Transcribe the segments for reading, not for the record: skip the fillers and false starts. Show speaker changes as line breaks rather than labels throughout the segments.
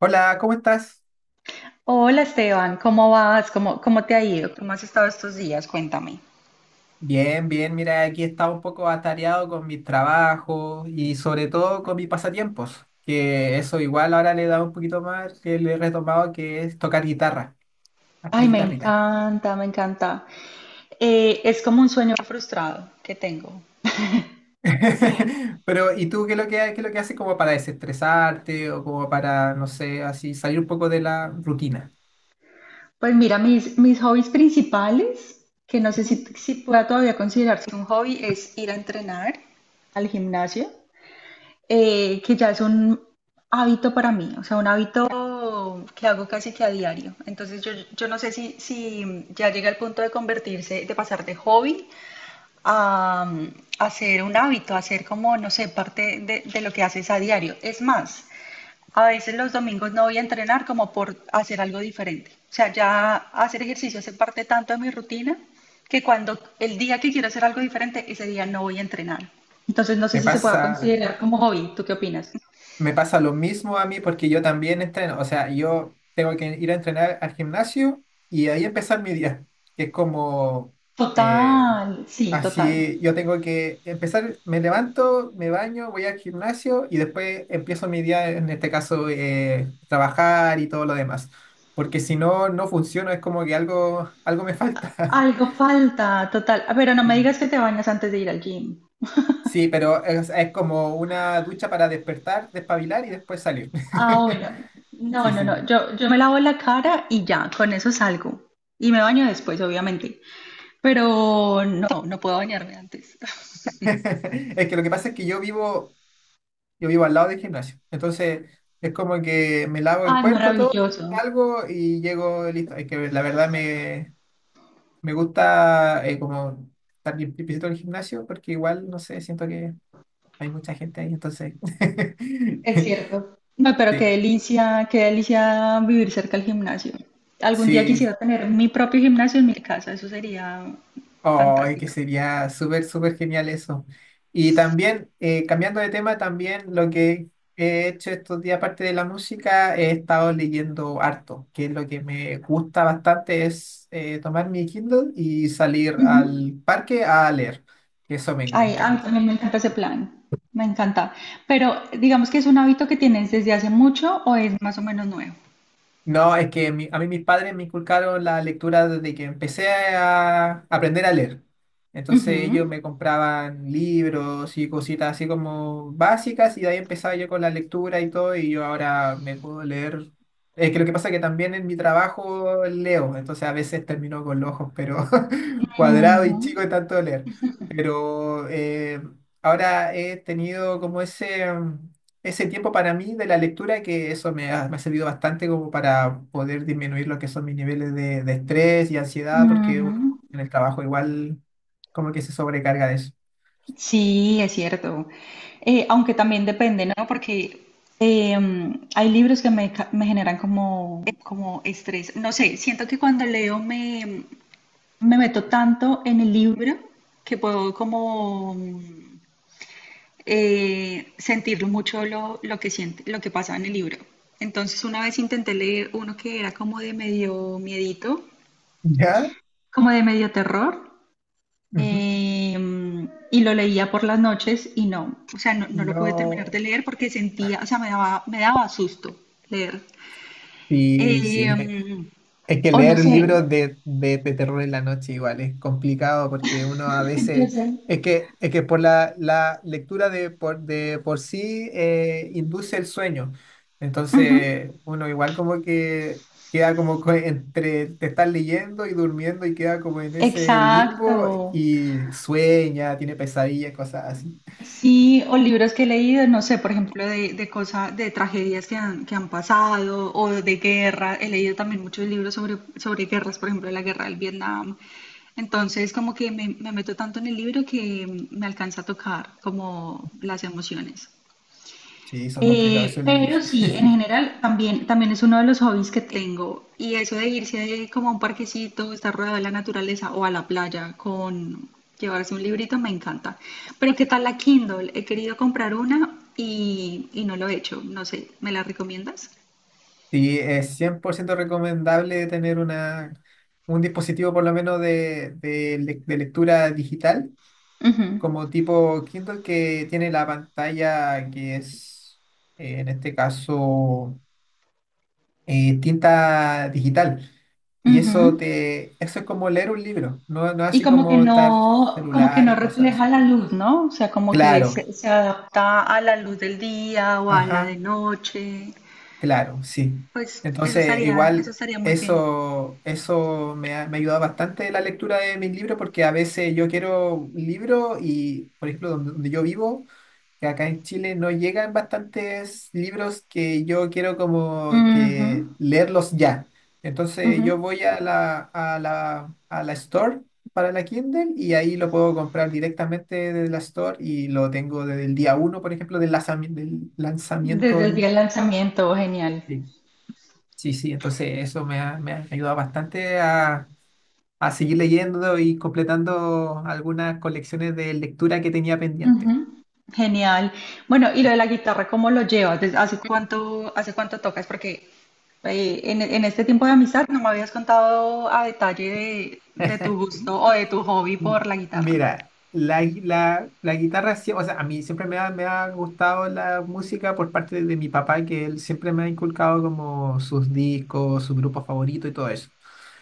Hola, ¿cómo estás?
Hola Esteban, ¿cómo vas? ¿Cómo, cómo te ha ido? ¿Cómo has estado estos días? Cuéntame.
Bien, bien, mira, aquí estaba un poco atareado con mis trabajos y sobre todo con mis pasatiempos, que eso igual ahora le he dado un poquito más, que le he retomado, que es tocar guitarra, hasta
Ay, me
guitarrita.
encanta, me encanta. Es como un sueño frustrado que tengo.
Pero, ¿y tú qué es lo que haces como para desestresarte o como para, no sé, así salir un poco de la rutina?
Pues mira, mis hobbies principales, que no sé si,
Ujú.
si pueda todavía considerarse un hobby, es ir a entrenar al gimnasio, que ya es un hábito para mí, o sea, un hábito que hago casi que a diario. Entonces yo no sé si ya llega al punto de convertirse, de pasar de hobby a, a hacer un hábito, a hacer como, no sé, parte de lo que haces a diario. Es más, a veces los domingos no voy a entrenar como por hacer algo diferente. O sea, ya hacer ejercicio hace parte tanto de mi rutina que cuando el día que quiero hacer algo diferente, ese día no voy a entrenar. Entonces, no sé
Me
si se pueda
pasa...
considerar como hobby. ¿Tú qué opinas?
Me pasa lo mismo a mí porque yo también entreno. O sea, yo tengo que ir a entrenar al gimnasio y ahí empezar mi día. Es como eh,
Total, sí, total.
así, yo tengo que empezar, me levanto, me baño, voy al gimnasio y después empiezo mi día, en este caso, trabajar y todo lo demás. Porque si no, no funciona, es como que algo, algo me falta.
Algo falta, total. Ah, pero no me
Sí.
digas que te bañas antes de ir al gym.
Sí, pero es como una ducha para despertar, despabilar y después salir.
Ah, bueno. No,
Sí,
no,
sí.
no. Yo me lavo la cara y ya, con eso salgo. Y me baño después, obviamente. Pero no, no puedo bañarme antes.
Es que lo que pasa es que yo vivo al lado del gimnasio. Entonces, es como que me lavo el
Ay,
cuerpo todo,
maravilloso.
salgo y llego listo. Es que la verdad me gusta como estar bien visito el gimnasio porque igual, no sé, siento que hay mucha gente ahí. Entonces,
Es cierto. No, pero
sí,
qué delicia vivir cerca del gimnasio. Algún día
sí,
quisiera tener mi propio gimnasio en mi casa, eso sería
ay, que
fantástico.
sería súper, súper genial eso. Y también, cambiando de tema, también lo que he hecho estos días, aparte de la música, he estado leyendo harto, que es lo que me gusta bastante, es tomar mi Kindle y salir
Ujú.
al parque a leer. Eso me
Ay, a mí
encanta.
también me encanta ese plan. Me encanta. Pero digamos que es un hábito que tienes desde hace mucho o es más o menos nuevo.
No, es que a mí mis padres me inculcaron la lectura desde que empecé a aprender a leer. Entonces ellos
Ujú.
me compraban libros y cositas así como básicas y de ahí empezaba yo con la lectura y todo y yo ahora me puedo leer. Es que lo que pasa es que también en mi trabajo leo, entonces a veces termino con los ojos pero cuadrado y
Ujú,
chico de tanto leer. Pero ahora he tenido como ese tiempo para mí de la lectura, que eso me ha servido bastante como para poder disminuir lo que son mis niveles de estrés y ansiedad, porque uno
ujú.
en el trabajo igual como que se sobrecarga de eso.
Sí, es cierto. Aunque también depende, ¿no? Porque hay libros que me generan como, como estrés. No sé, siento que cuando leo me meto tanto en el libro que puedo como sentirlo mucho lo que siente, lo que pasa en el libro. Entonces una vez intenté leer uno que era como de medio miedito,
¿Ya?
como de medio terror.
Ujú.
Y lo leía por las noches y no, o sea, no, no lo pude terminar de
No.
leer porque sentía, o sea, me daba susto leer.
Sí,
Eh,
sí. Es que
o no
leer
sé,
libros de terror en la noche igual es complicado porque uno a veces,
entonces,
es que por la lectura de por sí induce el sueño.
ujú,
Entonces uno igual como que queda como entre te estás leyendo y durmiendo y queda como en ese limbo
exacto.
y sueña, tiene pesadillas, cosas así.
Sí, o libros que he leído, no sé, por ejemplo, de cosas, de tragedias que que han pasado o de guerra. He leído también muchos libros sobre guerras, por ejemplo, la guerra del Vietnam. Entonces, como que me meto tanto en el libro que me alcanza a tocar como las emociones.
Sí, son complicados esos
Pero
libros.
sí, en general también, también es uno de los hobbies que tengo. Y eso de irse ahí como a un parquecito, estar rodeado de la naturaleza o a la playa con llevarse un librito me encanta. Pero ¿qué tal la Kindle? He querido comprar una y no lo he hecho. No sé, ¿me la recomiendas?
Sí, es 100% recomendable tener una, un dispositivo por lo menos de lectura digital,
Ujú,
como tipo Kindle que tiene la pantalla que es, en este caso, tinta digital. Y
ujú.
eso es como leer un libro, no, no
Y
así como estar
como que
celular
no
y cosas
refleja
así.
la luz, ¿no? O sea, como que
Claro,
se adapta a la luz del día o a la de
ajá.
noche.
Claro, sí.
Pues
Entonces,
eso
igual
estaría muy bien.
eso me ha ayudado bastante la lectura de mis libros porque a veces yo quiero un libro y, por ejemplo, donde yo vivo, que acá en Chile no llegan bastantes libros que yo quiero como
Ujú,
que leerlos ya. Entonces,
ujú.
yo voy a la store para la Kindle y ahí lo puedo comprar directamente de la store y lo tengo desde el día uno, por ejemplo, del
Desde
lanzamiento.
el día del lanzamiento, genial.
Sí. Sí, sí, entonces eso me ha ayudado bastante a seguir leyendo y completando algunas colecciones de lectura que tenía pendiente.
Ujú, genial. Bueno, y lo de la guitarra, ¿cómo lo llevas? ¿Desde? Hace cuánto tocas? Porque en este tiempo de amistad no me habías contado a detalle de tu gusto o de tu hobby
Mm.
por la guitarra.
Mira, la guitarra, sí, o sea, a mí siempre me ha gustado la música por parte de mi papá, que él siempre me ha inculcado como sus discos, su grupo favorito y todo eso.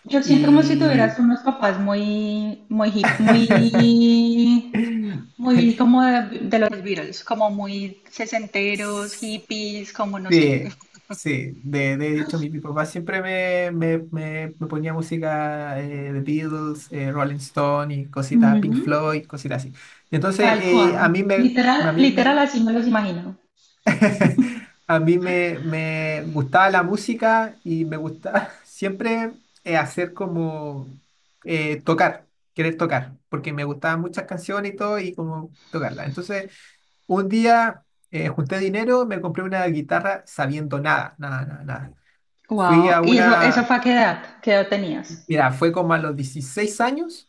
Yo siento como si tuvieras
Y
unos papás muy, muy hip, muy, muy como de los Beatles, como muy sesenteros, hippies, como no sé.
Sí, sí, de hecho mi papá siempre me ponía música de Beatles, Rolling Stone y cositas, Pink
Ujú.
Floyd, cositas así. Entonces
Tal cual. Literal,
a mí
literal
me,
así me los imagino.
a mí me gustaba la música y me gustaba siempre hacer como eh, tocar, querer tocar, porque me gustaban muchas canciones y todo y como tocarlas. Entonces un día junté dinero, me compré una guitarra sabiendo nada, nada, nada, nada. Fui
Wow.
a
¿Y eso
una,
fue a qué edad? ¿Qué edad tenías?
Mira, fue como a los 16 años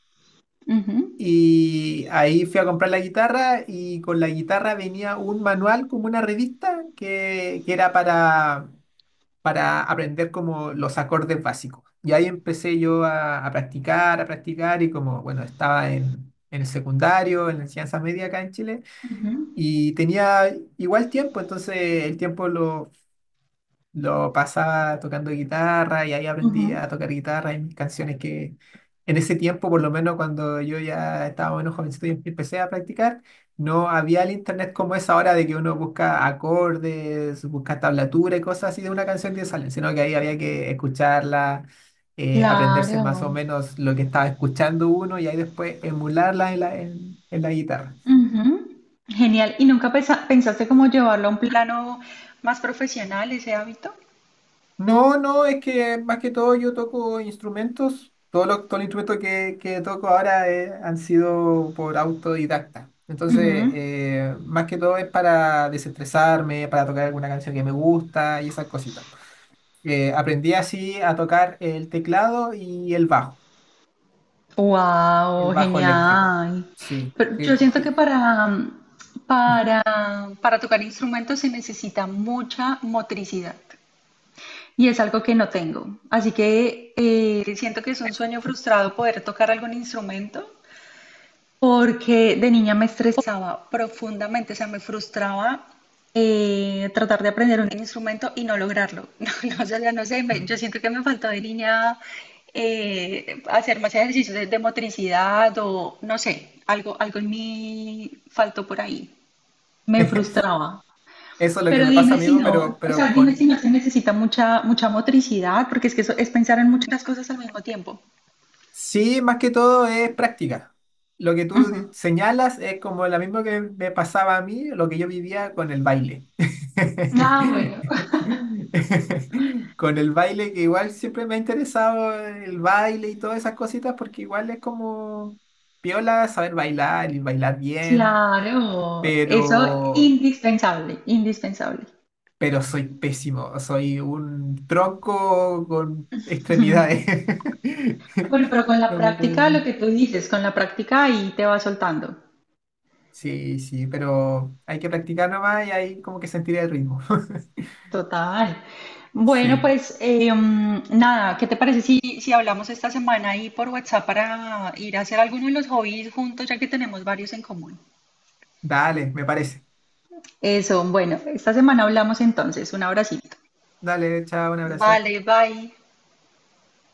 Ujú,
y ahí fui a comprar la guitarra y con la guitarra venía un manual como una revista que era para aprender como los acordes básicos. Y ahí empecé yo a practicar, a practicar y como, bueno, estaba en el secundario, en la enseñanza media acá en Chile.
ujú,
Y tenía igual tiempo, entonces el tiempo lo pasaba tocando guitarra y ahí aprendí a
ujú.
tocar guitarra y mis canciones que en ese tiempo, por lo menos cuando yo ya estaba menos jovencito y empecé a practicar, no había el internet como es ahora de que uno busca acordes, busca tablatura y cosas así de una canción que salen, sino que ahí había que escucharla, aprenderse más o
Claro.
menos lo que estaba escuchando uno y ahí después emularla en la guitarra.
Ujú. Genial. ¿Y nunca pensaste cómo llevarlo a un plano más profesional ese hábito?
No, no, es que más que todo yo toco instrumentos. Todos los instrumentos que toco ahora han sido por autodidacta. Entonces, más que todo es para desestresarme, para tocar alguna canción que me gusta y esas cositas. Aprendí así a tocar el teclado y el
Wow,
bajo eléctrico.
genial.
Sí.
Pero yo siento que para, para tocar instrumentos se necesita mucha motricidad. Y es algo que no tengo. Así que siento que es un sueño frustrado poder tocar algún instrumento porque de niña me estresaba profundamente, o sea, me frustraba tratar de aprender un instrumento y no lograrlo. No, no, o sea, no sé, yo siento que me faltó de niña hacer más ejercicios de motricidad o no sé, algo, algo en mí faltó por ahí. Me frustraba.
Eso es lo que
Pero
me pasa,
dime si
amigo,
no,
pero,
o sea,
pero
dime si
con,
no se necesita mucha, mucha motricidad, porque es que eso es pensar en muchas cosas al mismo tiempo.
Sí, más que todo es práctica. Lo que tú
Ujú.
señalas es como lo mismo que me pasaba a mí, lo que yo vivía con el baile.
Ah, bueno.
Con el baile que igual siempre me ha interesado el baile y todas esas cositas porque igual es como piola saber bailar y bailar bien,
Claro, eso
pero
indispensable, indispensable.
soy pésimo, soy un tronco con extremidades.
Bueno, pero con la
No me puedo
práctica, lo
mover.
que tú dices, con la práctica ahí te va soltando.
Sí, sí, pero hay que practicar nomás y ahí como que sentiré el ritmo.
Total. Bueno,
Sí,
pues nada, ¿qué te parece si hablamos esta semana ahí por WhatsApp para ir a hacer alguno de los hobbies juntos, ya que tenemos varios en común?
dale, me parece.
Eso, bueno, esta semana hablamos entonces. Un abracito.
Dale, chao, un abrazo.
Vale, bye.